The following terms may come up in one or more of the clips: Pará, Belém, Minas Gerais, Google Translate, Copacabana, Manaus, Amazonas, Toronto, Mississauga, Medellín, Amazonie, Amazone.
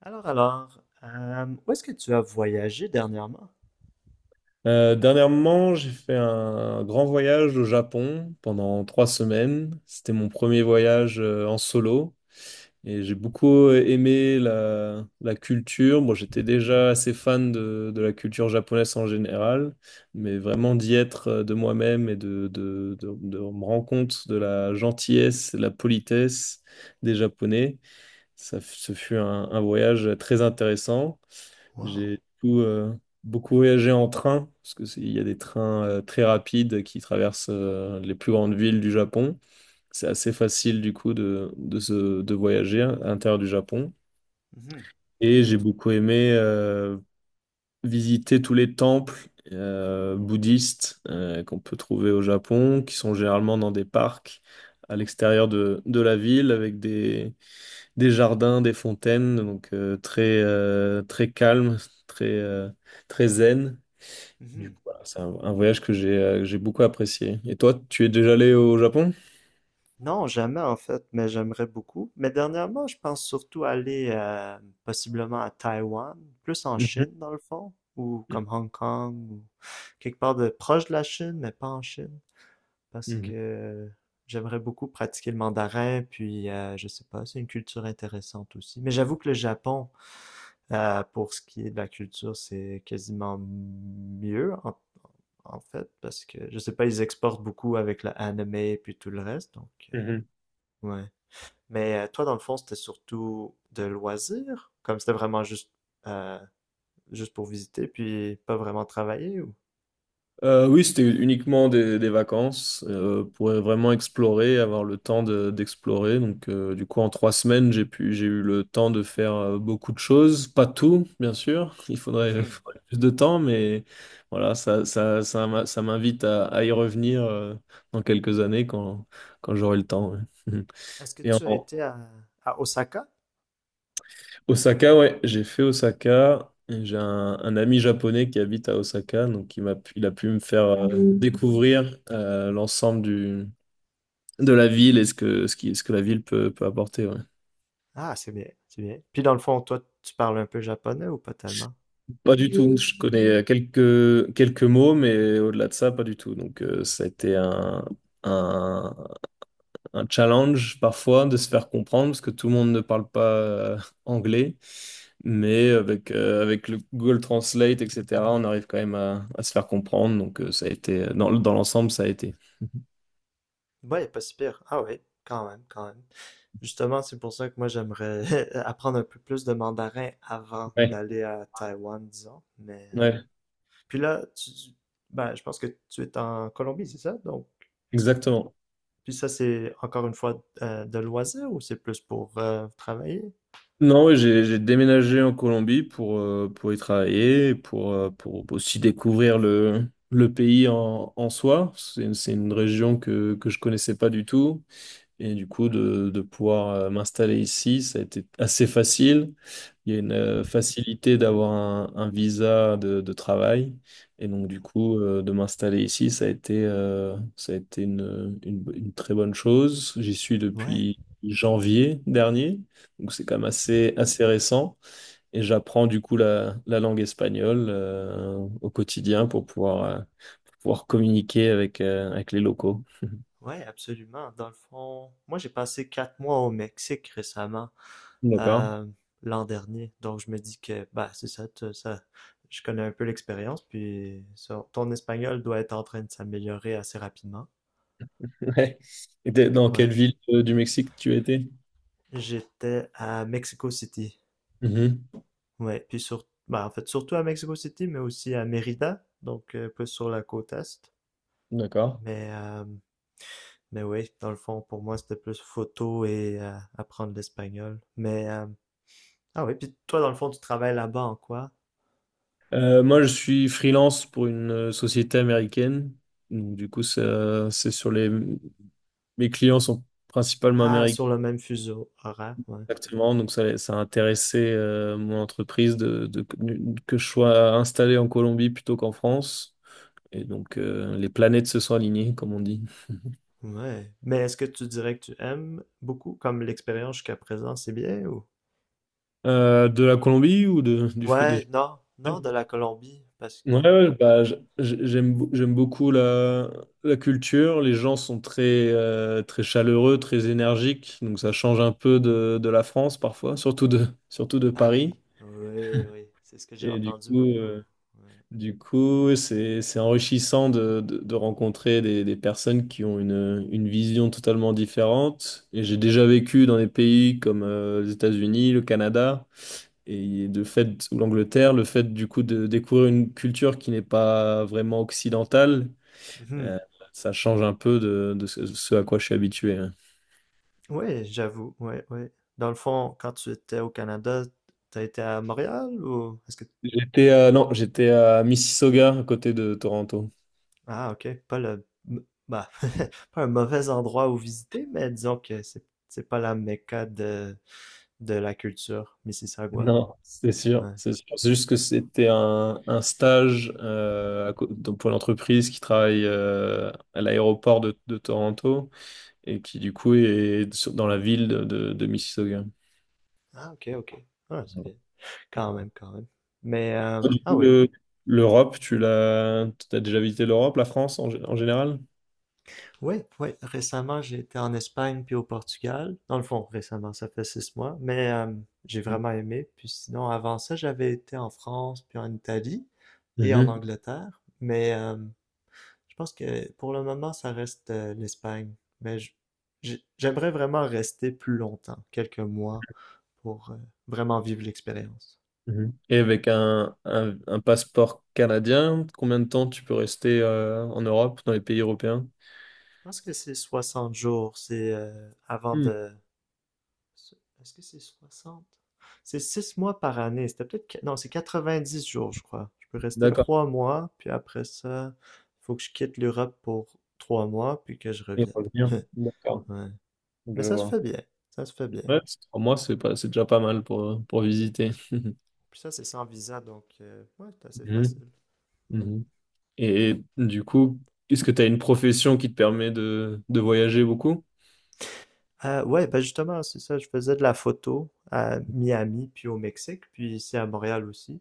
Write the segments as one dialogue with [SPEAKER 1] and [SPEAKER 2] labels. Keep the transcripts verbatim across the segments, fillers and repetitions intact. [SPEAKER 1] Alors, alors, euh, où est-ce que tu as voyagé dernièrement?
[SPEAKER 2] Euh, dernièrement, j'ai fait un grand voyage au Japon pendant trois semaines. C'était mon premier voyage euh, en solo et j'ai beaucoup euh, aimé la, la culture. Bon, j'étais déjà assez fan de, de la culture japonaise en général, mais vraiment d'y être euh, de moi-même et de, de, de, de me rendre compte de la gentillesse, de la politesse des Japonais. Ça, f- ce fut un un voyage très intéressant.
[SPEAKER 1] Wow.
[SPEAKER 2] J'ai du coup, euh, beaucoup voyagé en train, parce que c'est- il y a des trains euh, très rapides qui traversent euh, les plus grandes villes du Japon. C'est assez facile du coup de, de, se- de voyager à l'intérieur du Japon.
[SPEAKER 1] Mhm,
[SPEAKER 2] Et j'ai beaucoup aimé euh, visiter tous les temples euh, bouddhistes euh, qu'on peut trouver au Japon, qui sont généralement dans des parcs à l'extérieur de, de la ville, avec des, des jardins, des fontaines, donc euh, très, euh, très calme, très, euh, très zen.
[SPEAKER 1] mhm.
[SPEAKER 2] Du coup, voilà, c'est un, un voyage que j'ai euh, que j'ai beaucoup apprécié. Et toi, tu es déjà allé au Japon?
[SPEAKER 1] Non, jamais en fait, mais j'aimerais beaucoup. Mais dernièrement, je pense surtout aller euh, possiblement à Taïwan, plus en
[SPEAKER 2] Mhm,
[SPEAKER 1] Chine dans le fond, ou comme Hong Kong, ou quelque part de proche de la Chine, mais pas en Chine, parce
[SPEAKER 2] mhm,
[SPEAKER 1] que j'aimerais beaucoup pratiquer le mandarin, puis euh, je sais pas, c'est une culture intéressante aussi. Mais j'avoue que le Japon, euh, pour ce qui est de la culture, c'est quasiment mieux en, en fait, parce que je sais pas, ils exportent beaucoup avec la anime et puis tout le reste, donc
[SPEAKER 2] mhm.
[SPEAKER 1] euh, ouais. Mais euh, toi, dans le fond, c'était surtout de loisirs, comme c'était vraiment juste euh, juste pour visiter, puis pas vraiment travailler ou?
[SPEAKER 2] Euh, oui, c'était uniquement des, des vacances euh, pour vraiment explorer, avoir le temps de- d'explorer. Donc, euh, du coup, en trois semaines, j'ai pu, j'ai eu le temps de faire euh, beaucoup de choses. Pas tout, bien sûr. Il faudrait, il
[SPEAKER 1] Mhm.
[SPEAKER 2] faudrait plus de temps, mais voilà, ça, ça, ça, m'a- ça m'invite à, à y revenir euh, dans quelques années quand, quand j'aurai le temps. Ouais.
[SPEAKER 1] Est-ce que
[SPEAKER 2] Et en,
[SPEAKER 1] tu as été à, à Osaka?
[SPEAKER 2] Osaka, ouais, j'ai fait Osaka. Et j'ai un, un ami japonais qui habite à Osaka, donc il m'a, pu- il a pu me faire euh, découvrir euh, l'ensemble du, de la ville et ce que, ce qui, ce que la ville peut, peut apporter. Ouais.
[SPEAKER 1] Ah, c'est bien, c'est bien. Puis dans le fond, toi, tu parles un peu japonais ou pas tellement?
[SPEAKER 2] Pas du tout. Je connais quelques, quelques mots, mais au-delà de ça, pas du tout. Donc euh, ça a été un, un, un challenge parfois de se faire comprendre parce que tout le monde ne parle pas euh, anglais. Mais avec, euh, avec le Google Translate, et cetera, on arrive quand même à, à se faire comprendre. Donc, euh, ça a été, euh, dans, dans l'ensemble, ça a été.
[SPEAKER 1] Ouais, pas si pire. Ah ouais, quand même, quand même. Justement, c'est pour ça que moi, j'aimerais apprendre un peu plus de mandarin avant
[SPEAKER 2] Ouais,
[SPEAKER 1] d'aller à Taïwan, disons. Mais euh,
[SPEAKER 2] ouais,
[SPEAKER 1] puis là, tu, ben, je pense que tu es en Colombie, c'est ça? Donc, est-ce que
[SPEAKER 2] exactement.
[SPEAKER 1] puis ça, c'est encore une fois euh, de loisir ou c'est plus pour euh, travailler?
[SPEAKER 2] Non, ouais, j'ai, j'ai déménagé en Colombie pour, euh, pour y travailler, pour, euh, pour aussi découvrir le, le pays en, en soi. C'est, c'est une région que, que je connaissais pas du tout. Et du coup, de, de pouvoir euh, m'installer ici, ça a été assez facile. Il y a une euh, facilité d'avoir un, un visa de, de travail. Et donc, du coup, euh, de m'installer ici, ça a été, euh, ça a été une, une- une très bonne chose. J'y suis
[SPEAKER 1] Ouais.
[SPEAKER 2] depuis janvier dernier. Donc, c'est quand même assez, assez récent. Et j'apprends du coup la, la langue espagnole euh, au quotidien pour pouvoir, euh, pour pouvoir communiquer avec, euh, avec les locaux.
[SPEAKER 1] Ouais, absolument. Dans le fond, moi j'ai passé quatre mois au Mexique récemment,
[SPEAKER 2] D'accord.
[SPEAKER 1] euh, l'an dernier. Donc je me dis que bah c'est ça, tu- ça, je connais un peu l'expérience. Puis ça- ton espagnol doit être en train de s'améliorer assez rapidement.
[SPEAKER 2] Ouais. Et t'es- dans quelle
[SPEAKER 1] Ouais.
[SPEAKER 2] ville euh, du Mexique tu étais?
[SPEAKER 1] J'étais à Mexico City.
[SPEAKER 2] Mhm.
[SPEAKER 1] Ouais. Puis sur, bah en fait surtout à Mexico City, mais aussi à Mérida, donc euh, plus sur la côte est.
[SPEAKER 2] D'accord.
[SPEAKER 1] Mais euh, mais oui, dans le fond pour moi c'était plus photo et euh, apprendre l'espagnol. Mais euh, Ah oui, puis toi, dans le fond, tu travailles là-bas en quoi?
[SPEAKER 2] Euh, moi, je suis freelance pour une euh, société américaine. Donc, du coup, ça- c'est sur les… Mes clients sont principalement
[SPEAKER 1] Ah,
[SPEAKER 2] américains,
[SPEAKER 1] sur le même fuseau horaire, ouais.
[SPEAKER 2] exactement. Donc, ça, ça a intéressé euh, mon entreprise de, de- que je sois installé en Colombie plutôt qu'en France. Et donc, euh, les planètes se sont alignées, comme on dit.
[SPEAKER 1] Ouais. Mais est-ce que tu dirais que tu aimes beaucoup, comme l'expérience jusqu'à présent, c'est bien ou?
[SPEAKER 2] Euh, de la Colombie ou de, du free?
[SPEAKER 1] Ouais, non, non, de la Colombie, parce que,
[SPEAKER 2] Ouais,
[SPEAKER 1] ouais.
[SPEAKER 2] ouais, bah, j- j- j'aime bou- j'aime beaucoup la, la culture. Les gens sont très, euh, très chaleureux, très énergiques. Donc ça change un peu de, de la France parfois, surtout de, surtout de Paris.
[SPEAKER 1] Paris. Oui, oui, c'est ce que j'ai
[SPEAKER 2] Et du
[SPEAKER 1] entendu
[SPEAKER 2] coup,
[SPEAKER 1] beaucoup.
[SPEAKER 2] euh,
[SPEAKER 1] Oui,
[SPEAKER 2] du coup, ouais, c'est, c'est enrichissant de, de, de rencontrer des, des personnes qui ont une, une vision totalement différente. Et j'ai déjà vécu dans des pays comme euh, les États-Unis, le Canada. Et de fait, ou l'Angleterre, le fait du coup de découvrir une culture qui n'est pas vraiment occidentale, euh, ça change un peu de, de ce, ce à quoi je suis habitué. Hein.
[SPEAKER 1] ouais, oui, j'avoue, ouais, ouais. Dans le fond, quand tu étais au Canada, t'as été à Montréal ou est-ce que
[SPEAKER 2] J'étais à- non, j'étais à Mississauga, à côté de Toronto.
[SPEAKER 1] Ah, ok. Pas le, m- bah, pas un mauvais endroit où visiter, mais disons que c'est, c'est pas la Mecca de, de la culture, Mississauga.
[SPEAKER 2] Non, c'est sûr,
[SPEAKER 1] Ouais.
[SPEAKER 2] c'est sûr. C'est juste que c'était un, un stage euh, à co- donc pour l'entreprise qui travaille euh, à l'aéroport de, de Toronto et qui du coup est sur- dans la ville de, de de Mississauga.
[SPEAKER 1] Ah, ok, ok. Ah, c'est bien. Quand même, quand même. Mais, euh,
[SPEAKER 2] Du
[SPEAKER 1] ah
[SPEAKER 2] coup,
[SPEAKER 1] oui.
[SPEAKER 2] le- l'Europe, tu l'as, t'as déjà visité l'Europe, la France en, gé- en général?
[SPEAKER 1] Oui, oui. Récemment, j'ai été en Espagne puis au Portugal. Dans le fond, récemment, ça fait six mois. Mais euh, j'ai vraiment aimé. Puis sinon, avant ça, j'avais été en France puis en Italie et en
[SPEAKER 2] Mhm,
[SPEAKER 1] Angleterre. Mais euh, Je pense que pour le moment, ça reste euh, l'Espagne, mais je- j'ai- j'aimerais vraiment rester plus longtemps, quelques mois, pour euh, vraiment vivre l'expérience.
[SPEAKER 2] mhm. Et avec un, un- un passeport canadien, combien de temps tu peux rester euh, en Europe, dans les pays européens?
[SPEAKER 1] Je pense que c'est soixante jours, c'est euh, avant
[SPEAKER 2] Hmm,
[SPEAKER 1] de. Est-ce que c'est soixante? C'est six mois par année, c'était peut-être. qu- Non, c'est quatre-vingt-dix jours, je crois. Je peux rester
[SPEAKER 2] d'accord.
[SPEAKER 1] trois mois, puis après ça, faut que je quitte l'Europe pour trois mois, puis que je
[SPEAKER 2] Et
[SPEAKER 1] revienne.
[SPEAKER 2] revenir. D'accord,
[SPEAKER 1] Ouais.
[SPEAKER 2] je
[SPEAKER 1] Mais ça se
[SPEAKER 2] vois.
[SPEAKER 1] fait bien, ça se fait bien.
[SPEAKER 2] Ouais, c'est trois mois, c'est pas, c'est déjà pas mal pour, pour visiter.
[SPEAKER 1] Puis ça, c'est sans visa, donc euh, ouais, c'est assez
[SPEAKER 2] Mhm,
[SPEAKER 1] facile. Ouais.
[SPEAKER 2] mhm. Et du coup, est-ce que tu as une profession qui te permet de, de voyager beaucoup?
[SPEAKER 1] Euh, ouais, ben justement, c'est ça, je faisais de la photo à Miami, puis au Mexique, puis ici à Montréal aussi.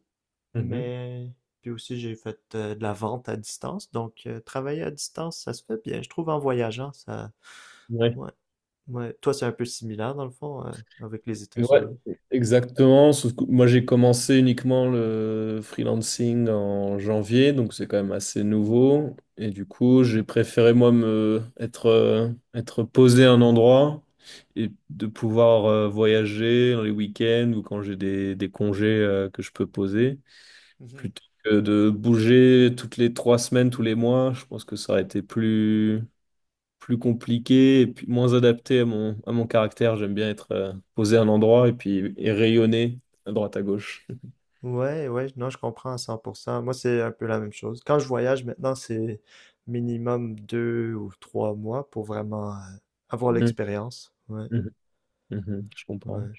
[SPEAKER 2] Mhm.
[SPEAKER 1] Mais puis aussi, j'ai fait euh, de la vente à distance, donc euh, travailler à distance, ça se fait bien. Je trouve en voyageant, ça.
[SPEAKER 2] Ouais.
[SPEAKER 1] Ouais, ouais. Toi, c'est un peu similaire, dans le fond, euh, avec les
[SPEAKER 2] Et Ouais,
[SPEAKER 1] États-Unis.
[SPEAKER 2] exactement. Sauf que moi, j'ai commencé uniquement le freelancing en janvier, donc c'est quand même assez nouveau. Et du coup, j'ai préféré, moi, me être, euh, être posé à un endroit et de pouvoir euh, voyager dans les week-ends ou quand j'ai des, des congés euh, que je peux poser, plutôt que de bouger toutes les trois semaines, tous les mois. Je pense que ça aurait été plus plus compliqué et puis moins adapté à mon, à mon caractère. J'aime bien être euh, posé à un endroit et puis et rayonner à droite à gauche.
[SPEAKER 1] Ouais, ouais, non, je comprends à cent pour cent. Moi, c'est un peu la même chose. Quand je voyage maintenant, c'est minimum deux ou trois mois pour vraiment euh, avoir
[SPEAKER 2] Mhm,
[SPEAKER 1] l'expérience. Ouais,
[SPEAKER 2] mhm, mhm, je comprends.
[SPEAKER 1] ouais.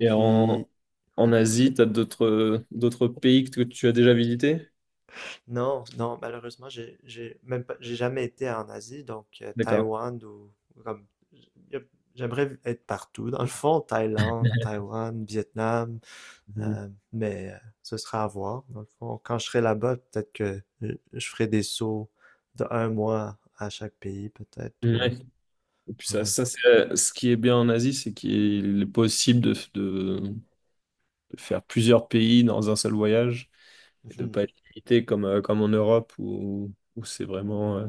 [SPEAKER 2] Et
[SPEAKER 1] Puis,
[SPEAKER 2] en, En Asie, tu as d'autres d'autres pays que tu as déjà visités?
[SPEAKER 1] non, non, malheureusement, j'ai, j'ai même pas, j'ai jamais été en Asie, donc euh,
[SPEAKER 2] D'accord.
[SPEAKER 1] Taïwan ou ou comme, y a- j'aimerais être partout. Dans le fond, Thaïlande, Taïwan, Vietnam.
[SPEAKER 2] Mhm.
[SPEAKER 1] Euh, mais euh, ce sera à voir. Dans le fond, quand je serai là-bas, peut-être que je, je ferai des sauts de un mois à chaque pays, peut-être. Ou.
[SPEAKER 2] Ouais. Et puis ça,
[SPEAKER 1] Ouais.
[SPEAKER 2] ça c'est euh, ce qui est bien en Asie, c'est qu'il est possible de, de, de faire plusieurs pays dans un seul voyage et de
[SPEAKER 1] Mhm.
[SPEAKER 2] pas être limité comme, euh, comme en Europe où, où c'est vraiment euh,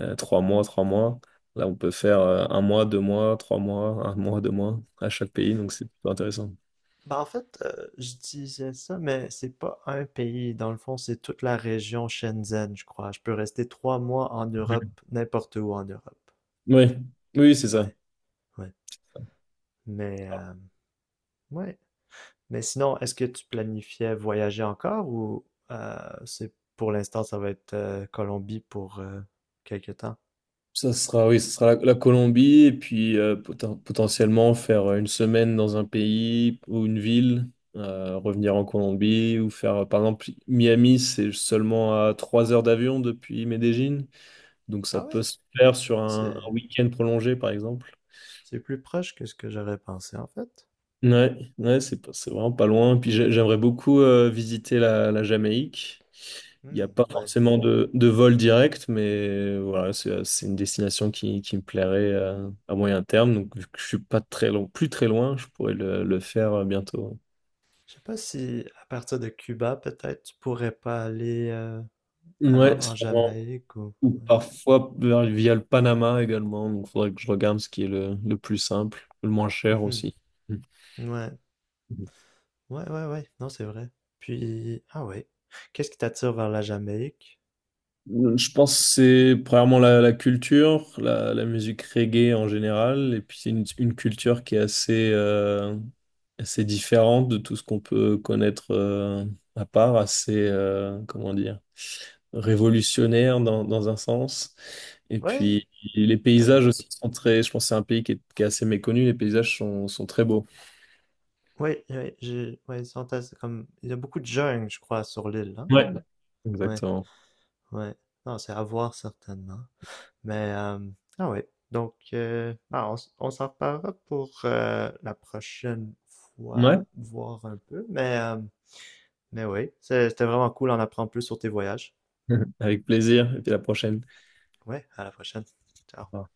[SPEAKER 2] Euh, trois mois, trois mois. Là, on peut faire euh, un mois, deux mois, trois mois, un mois, deux mois à chaque pays, donc c'est plutôt intéressant.
[SPEAKER 1] Ben, en fait, euh, je disais ça, mais c'est pas un pays. Dans le fond, c'est toute la région Shenzhen, je crois. Je peux rester trois mois en Europe, n'importe où en Europe.
[SPEAKER 2] Oui, oui, c'est ça.
[SPEAKER 1] Ouais, ouais. Mais, euh, ouais. Mais sinon, est-ce que tu planifiais voyager encore ou euh, c'est pour l'instant, ça va être euh, Colombie pour euh, quelques temps?
[SPEAKER 2] Ça sera, oui, ça sera la, la Colombie et puis euh, poten- potentiellement faire euh, une semaine dans un pays ou une ville, euh, revenir en Colombie ou faire, euh, par exemple, Miami, c'est seulement à trois heures d'avion depuis Medellín, donc ça
[SPEAKER 1] Ah
[SPEAKER 2] peut
[SPEAKER 1] ouais,
[SPEAKER 2] se faire sur
[SPEAKER 1] ah,
[SPEAKER 2] un
[SPEAKER 1] c'est
[SPEAKER 2] un week-end prolongé, par exemple.
[SPEAKER 1] c'est plus proche que ce que j'aurais pensé en fait.
[SPEAKER 2] Ouais, ouais, c'est pas- c'est vraiment pas loin. Puis j'ai- j'aimerais beaucoup euh, visiter la, la Jamaïque. Il n'y a
[SPEAKER 1] Hmm,
[SPEAKER 2] pas
[SPEAKER 1] ouais.
[SPEAKER 2] forcément de, de vol direct, mais voilà, c'est c'est une destination qui, qui me plairait euh, à moyen terme. Donc vu que je suis pas très long, plus très loin, je pourrais le, le faire euh, bientôt.
[SPEAKER 1] Je sais pas si à partir de Cuba, peut-être tu pourrais pas aller euh, en,
[SPEAKER 2] Ouais,
[SPEAKER 1] en
[SPEAKER 2] sûrement.
[SPEAKER 1] Jamaïque ou.
[SPEAKER 2] Ou parfois vers- via le Panama également. Donc faudrait que je regarde ce qui est le, le plus simple, le moins cher
[SPEAKER 1] Mhm.
[SPEAKER 2] aussi.
[SPEAKER 1] Ouais, ouais, ouais, ouais. Non, c'est vrai. Puis, ah ouais. Qu'est-ce qui t'attire vers la Jamaïque?
[SPEAKER 2] Je pense que c'est premièrement la, la culture, la, la musique reggae en général, et puis c'est une, une culture qui est assez, euh, assez différente de tout ce qu'on peut connaître euh, à part, assez, euh, comment dire, révolutionnaire dans, dans un sens. Et
[SPEAKER 1] Ouais,
[SPEAKER 2] puis les paysages
[SPEAKER 1] j'avoue.
[SPEAKER 2] aussi sont très, je pense que c'est un pays qui est, qui est assez méconnu, les paysages sont, sont très beaux.
[SPEAKER 1] Ouais, ouais, j'ai, ouais, ils sont assez comme, il y a beaucoup de jeunes, je crois, sur l'île, hein?
[SPEAKER 2] Ouais.
[SPEAKER 1] Ouais,
[SPEAKER 2] Exactement.
[SPEAKER 1] ouais. Non, c'est à voir certainement. Mais, euh, ah ouais. Donc, euh, ah, on, s- on s'en reparlera pour euh, la prochaine
[SPEAKER 2] Ouais,
[SPEAKER 1] fois, voir un peu. Mais, euh, mais oui, c'est- c'était vraiment cool d'en apprendre plus sur tes voyages.
[SPEAKER 2] avec plaisir, et puis à la prochaine.
[SPEAKER 1] Ouais, à la prochaine.
[SPEAKER 2] Au
[SPEAKER 1] Ciao.
[SPEAKER 2] revoir.